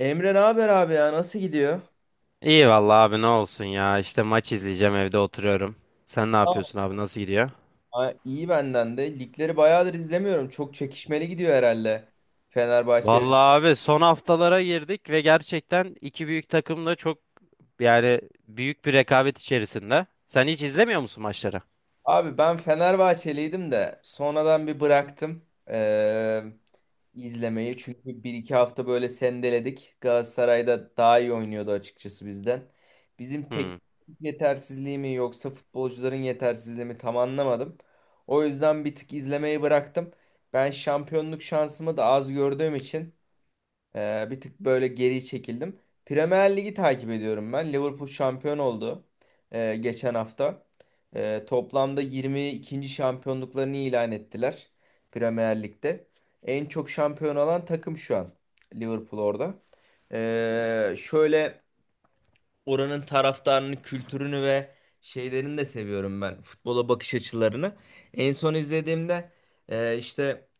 Emre ne haber abi ya nasıl gidiyor? İyi vallahi abi ne olsun ya. İşte maç izleyeceğim evde oturuyorum. Sen ne Tamam. yapıyorsun abi nasıl gidiyor? Ha, iyi benden de. Ligleri bayağıdır izlemiyorum. Çok çekişmeli gidiyor herhalde. Fenerbahçe. Vallahi abi son haftalara girdik ve gerçekten iki büyük takım da çok yani büyük bir rekabet içerisinde. Sen hiç izlemiyor musun maçları? Abi ben Fenerbahçeliydim de sonradan bir bıraktım izlemeyi. Çünkü bir iki hafta böyle sendeledik. Galatasaray'da daha iyi oynuyordu açıkçası bizden. Bizim Hmm. teknik yetersizliği mi yoksa futbolcuların yetersizliği mi tam anlamadım. O yüzden bir tık izlemeyi bıraktım. Ben şampiyonluk şansımı da az gördüğüm için bir tık böyle geri çekildim. Premier Ligi takip ediyorum ben. Liverpool şampiyon oldu geçen hafta. Toplamda 22. şampiyonluklarını ilan ettiler Premier Lig'de. En çok şampiyon olan takım şu an Liverpool orada. Şöyle oranın taraftarını, kültürünü ve şeylerini de seviyorum ben. Futbola bakış açılarını. En son izlediğimde işte,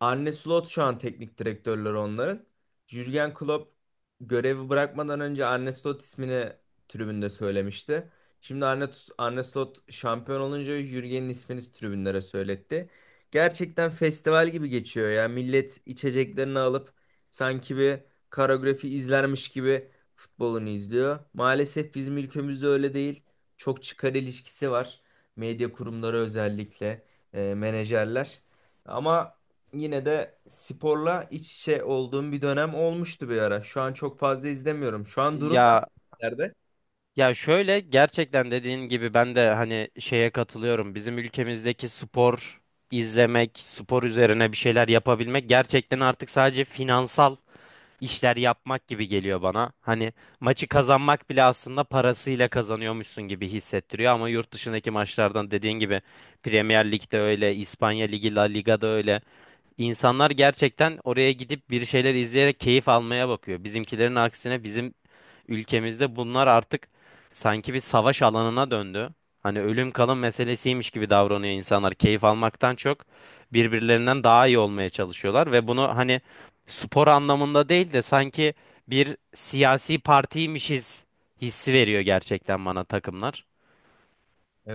Arne Slot şu an teknik direktörleri onların. Jürgen Klopp görevi bırakmadan önce Arne Slot ismini tribünde söylemişti. Şimdi Arne Slot şampiyon olunca Jürgen'in ismini tribünlere söyletti. Gerçekten festival gibi geçiyor ya. Millet içeceklerini alıp sanki bir koreografi izlermiş gibi futbolunu izliyor. Maalesef bizim ülkemizde öyle değil. Çok çıkar ilişkisi var. Medya kurumları özellikle, menajerler. Ama yine de sporla iç içe olduğum bir dönem olmuştu bir ara. Şu an çok fazla izlemiyorum. Şu an durum ne? Ya Nerede? ya şöyle gerçekten dediğin gibi ben de hani şeye katılıyorum. Bizim ülkemizdeki spor izlemek, spor üzerine bir şeyler yapabilmek gerçekten artık sadece finansal işler yapmak gibi geliyor bana. Hani maçı kazanmak bile aslında parasıyla kazanıyormuşsun gibi hissettiriyor ama yurt dışındaki maçlardan dediğin gibi Premier Lig'de öyle, İspanya Ligi, La Liga'da öyle. İnsanlar gerçekten oraya gidip bir şeyler izleyerek keyif almaya bakıyor. Bizimkilerin aksine bizim ülkemizde bunlar artık sanki bir savaş alanına döndü. Hani ölüm kalım meselesiymiş gibi davranıyor insanlar. Keyif almaktan çok birbirlerinden daha iyi olmaya çalışıyorlar ve bunu hani spor anlamında değil de sanki bir siyasi partiymişiz hissi veriyor gerçekten bana takımlar.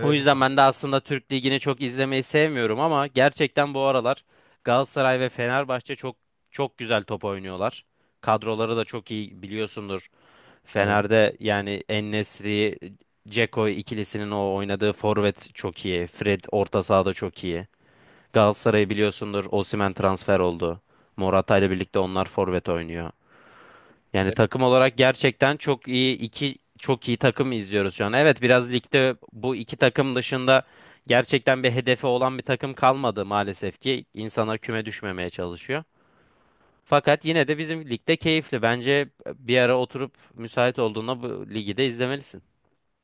O yüzden ben de aslında Türk Ligi'ni çok izlemeyi sevmiyorum ama gerçekten bu aralar Galatasaray ve Fenerbahçe çok çok güzel top oynuyorlar. Kadroları da çok iyi biliyorsundur. Fener'de yani En-Nesyri, Dzeko ikilisinin o oynadığı forvet çok iyi. Fred orta sahada çok iyi. Galatasaray'ı biliyorsundur. Osimhen transfer oldu. Morata ile birlikte onlar forvet oynuyor. Yani takım olarak gerçekten çok iyi iki çok iyi takım izliyoruz şu an. Evet biraz ligde bu iki takım dışında gerçekten bir hedefi olan bir takım kalmadı maalesef ki insanlar küme düşmemeye çalışıyor. Fakat yine de bizim ligde keyifli. Bence bir ara oturup müsait olduğunda bu ligi de izlemelisin.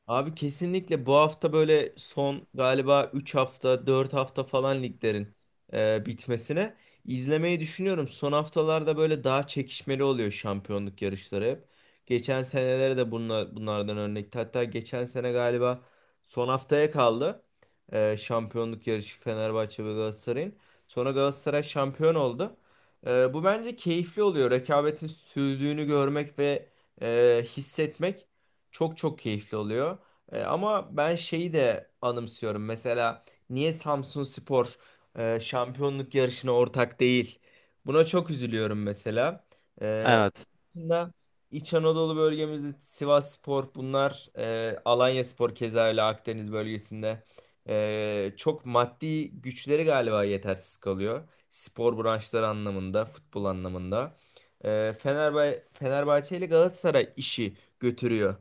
Abi kesinlikle bu hafta böyle son galiba 3 hafta 4 hafta falan liglerin bitmesine izlemeyi düşünüyorum. Son haftalarda böyle daha çekişmeli oluyor şampiyonluk yarışları hep. Geçen senelere de bunlardan örnek. Hatta geçen sene galiba son haftaya kaldı şampiyonluk yarışı Fenerbahçe ve Galatasaray'ın. Sonra Galatasaray şampiyon oldu. Bu bence keyifli oluyor. Rekabetin sürdüğünü görmek ve hissetmek çok çok keyifli oluyor. Ama ben şeyi de anımsıyorum. Mesela niye Samsunspor şampiyonluk yarışına ortak değil? Buna çok üzülüyorum mesela. Onun Evet. dışında İç Anadolu bölgemizde Sivasspor bunlar Alanyaspor keza öyle Akdeniz bölgesinde çok maddi güçleri galiba yetersiz kalıyor. Spor branşları anlamında, futbol anlamında. Fenerbahçe ile Galatasaray işi götürüyor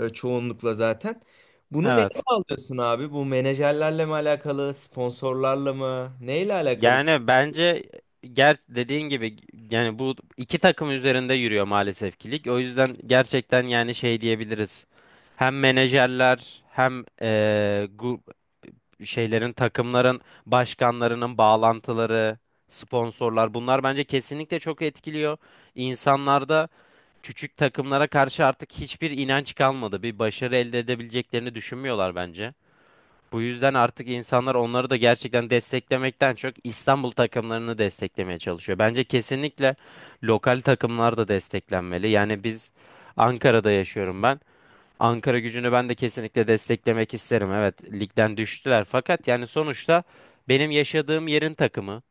çoğunlukla zaten. Bunu neyle Evet. alıyorsun abi? Bu menajerlerle mi alakalı, sponsorlarla mı? Neyle alakalı? Yani bence ger dediğin gibi yani bu iki takım üzerinde yürüyor maalesef ki lig. O yüzden gerçekten yani şey diyebiliriz. Hem menajerler hem şeylerin takımların başkanlarının bağlantıları, sponsorlar bunlar bence kesinlikle çok etkiliyor. İnsanlarda küçük takımlara karşı artık hiçbir inanç kalmadı. Bir başarı elde edebileceklerini düşünmüyorlar bence. Bu yüzden artık insanlar onları da gerçekten desteklemekten çok İstanbul takımlarını desteklemeye çalışıyor. Bence kesinlikle lokal takımlar da desteklenmeli. Yani biz Ankara'da yaşıyorum ben. Ankara Gücü'nü ben de kesinlikle desteklemek isterim. Evet, ligden düştüler fakat yani sonuçta benim yaşadığım yerin takımı.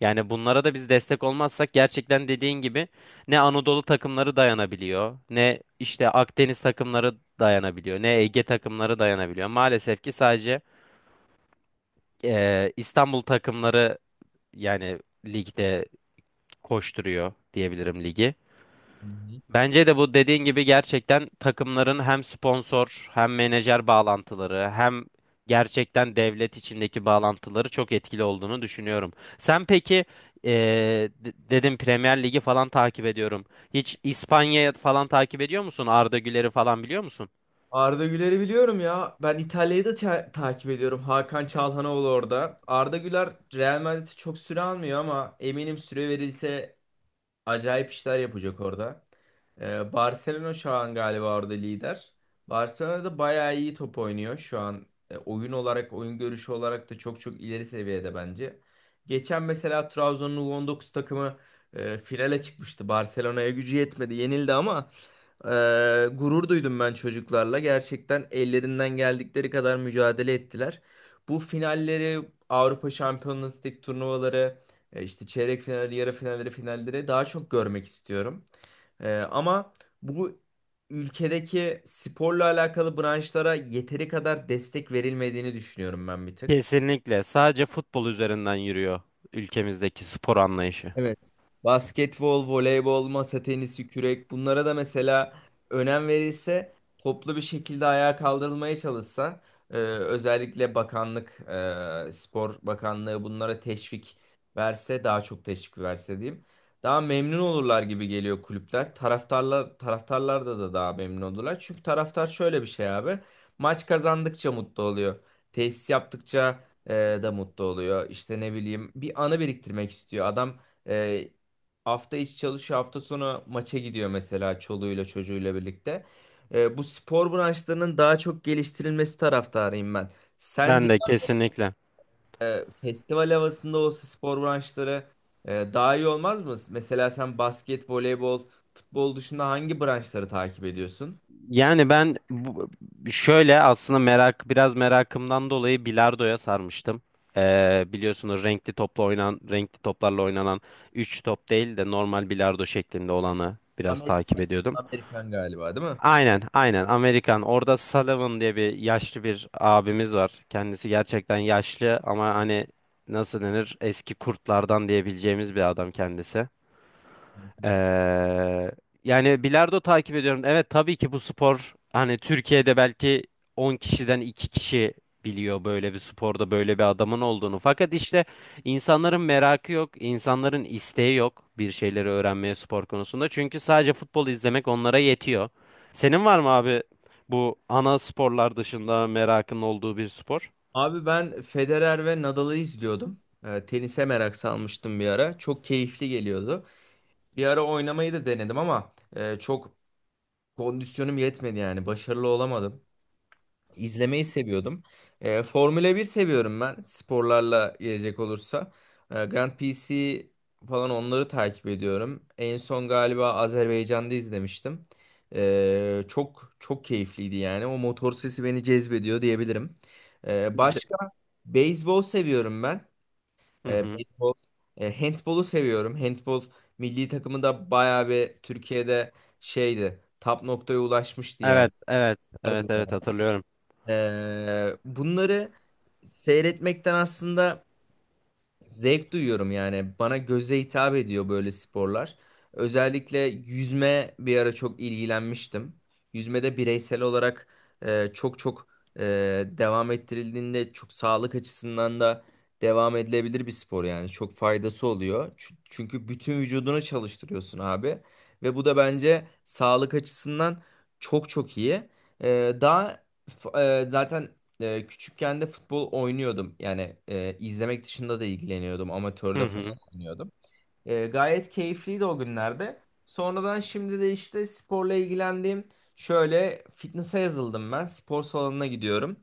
Yani bunlara da biz destek olmazsak gerçekten dediğin gibi ne Anadolu takımları dayanabiliyor, ne işte Akdeniz takımları dayanabiliyor, ne Ege takımları dayanabiliyor. Maalesef ki sadece İstanbul takımları yani ligde koşturuyor diyebilirim ligi. Hı hı. Bence de bu dediğin gibi gerçekten takımların hem sponsor hem menajer bağlantıları hem gerçekten devlet içindeki bağlantıları çok etkili olduğunu düşünüyorum. Sen peki dedim Premier Ligi falan takip ediyorum. Hiç İspanya'yı falan takip ediyor musun? Arda Güler'i falan biliyor musun? Arda Güler'i biliyorum ya. Ben İtalya'yı da takip ediyorum. Hakan Çalhanoğlu orada. Arda Güler Real Madrid'i çok süre almıyor ama eminim süre verilse acayip işler yapacak orada. Barcelona şu an galiba orada lider. Barcelona da bayağı iyi top oynuyor şu an. Oyun olarak, oyun görüşü olarak da çok çok ileri seviyede bence. Geçen mesela Trabzon'un U19 takımı finale çıkmıştı. Barcelona'ya gücü yetmedi, yenildi ama ee, gurur duydum ben çocuklarla. Gerçekten ellerinden geldikleri kadar mücadele ettiler. Bu finalleri, Avrupa Şampiyonası Lig turnuvaları, işte çeyrek finalleri, yarı finalleri, finalleri daha çok görmek istiyorum. Ama bu ülkedeki sporla alakalı branşlara yeteri kadar destek verilmediğini düşünüyorum ben bir tık. Kesinlikle. Sadece futbol üzerinden yürüyor ülkemizdeki spor anlayışı. Evet. Basketbol, voleybol, masa tenisi, kürek bunlara da mesela önem verilse, toplu bir şekilde ayağa kaldırılmaya çalışsa, özellikle bakanlık, Spor Bakanlığı bunlara teşvik verse, daha çok teşvik verse diyeyim. Daha memnun olurlar gibi geliyor kulüpler. Taraftarlar da daha memnun olurlar. Çünkü taraftar şöyle bir şey abi. Maç kazandıkça mutlu oluyor. Tesis yaptıkça e, da mutlu oluyor. İşte ne bileyim bir anı biriktirmek istiyor. Adam e, hafta içi çalışıyor, hafta sonu maça gidiyor mesela çoluğuyla çocuğuyla birlikte. Bu spor branşlarının daha çok geliştirilmesi taraftarıyım ben. Sence Ben de kesinlikle. Festival havasında olsa spor branşları daha iyi olmaz mı? Mesela sen basket, voleybol, futbol dışında hangi branşları takip ediyorsun? Yani ben şöyle aslında merak biraz merakımdan dolayı bilardoya sarmıştım. Biliyorsunuz renkli toplarla oynanan 3 top değil de normal bilardo şeklinde olanı biraz takip Amerikan, ediyordum. Amerikan galiba, değil Aynen aynen, Amerikan orada Sullivan diye bir yaşlı bir abimiz var. Kendisi gerçekten yaşlı ama hani nasıl denir eski kurtlardan diyebileceğimiz bir adam kendisi. Ee, mi? yani bilardo takip ediyorum. Evet tabii ki bu spor hani Türkiye'de belki 10 kişiden 2 kişi biliyor böyle bir sporda böyle bir adamın olduğunu. Fakat işte insanların merakı yok, insanların isteği yok bir şeyleri öğrenmeye spor konusunda. Çünkü sadece futbol izlemek onlara yetiyor. Senin var mı abi bu ana sporlar dışında merakın olduğu bir spor? Abi ben Federer ve Nadal'ı izliyordum. Tenise merak salmıştım bir ara. Çok keyifli geliyordu. Bir ara oynamayı da denedim ama çok kondisyonum yetmedi yani. Başarılı olamadım. İzlemeyi seviyordum. Formula 1 seviyorum ben sporlarla gelecek olursa. Grand PC falan onları takip ediyorum. En son galiba Azerbaycan'da izlemiştim. Çok çok keyifliydi yani. O motor sesi beni cezbediyor diyebilirim. C- Başka Beyzbol seviyorum ben. Hı hı. Beyzbol, handbolu seviyorum. Handbol milli takımı da bayağı bir Türkiye'de şeydi. Top noktaya ulaşmıştı yani. Evet, evet, evet, Vardı ya. evet hatırlıyorum. Bunları seyretmekten aslında zevk duyuyorum yani. Bana göze hitap ediyor böyle sporlar. Özellikle yüzme bir ara çok ilgilenmiştim. Yüzmede bireysel olarak çok çok e, devam ettirildiğinde çok sağlık açısından da devam edilebilir bir spor yani. Çok faydası oluyor. Çünkü bütün vücudunu çalıştırıyorsun abi. Ve bu da bence sağlık açısından çok çok iyi. E, daha zaten küçükken de futbol oynuyordum. Yani izlemek dışında da ilgileniyordum. Hı Amatörde falan hı. oynuyordum. Gayet keyifliydi o günlerde. Sonradan şimdi de işte sporla ilgilendiğim şöyle fitness'a yazıldım ben. Spor salonuna gidiyorum.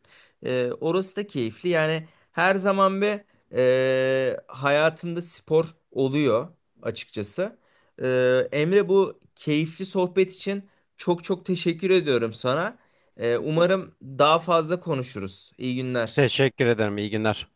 Orası da keyifli. Yani her zaman hayatımda spor oluyor açıkçası. Emre bu keyifli sohbet için çok çok teşekkür ediyorum sana. Umarım daha fazla konuşuruz. İyi günler. Teşekkür ederim. İyi günler.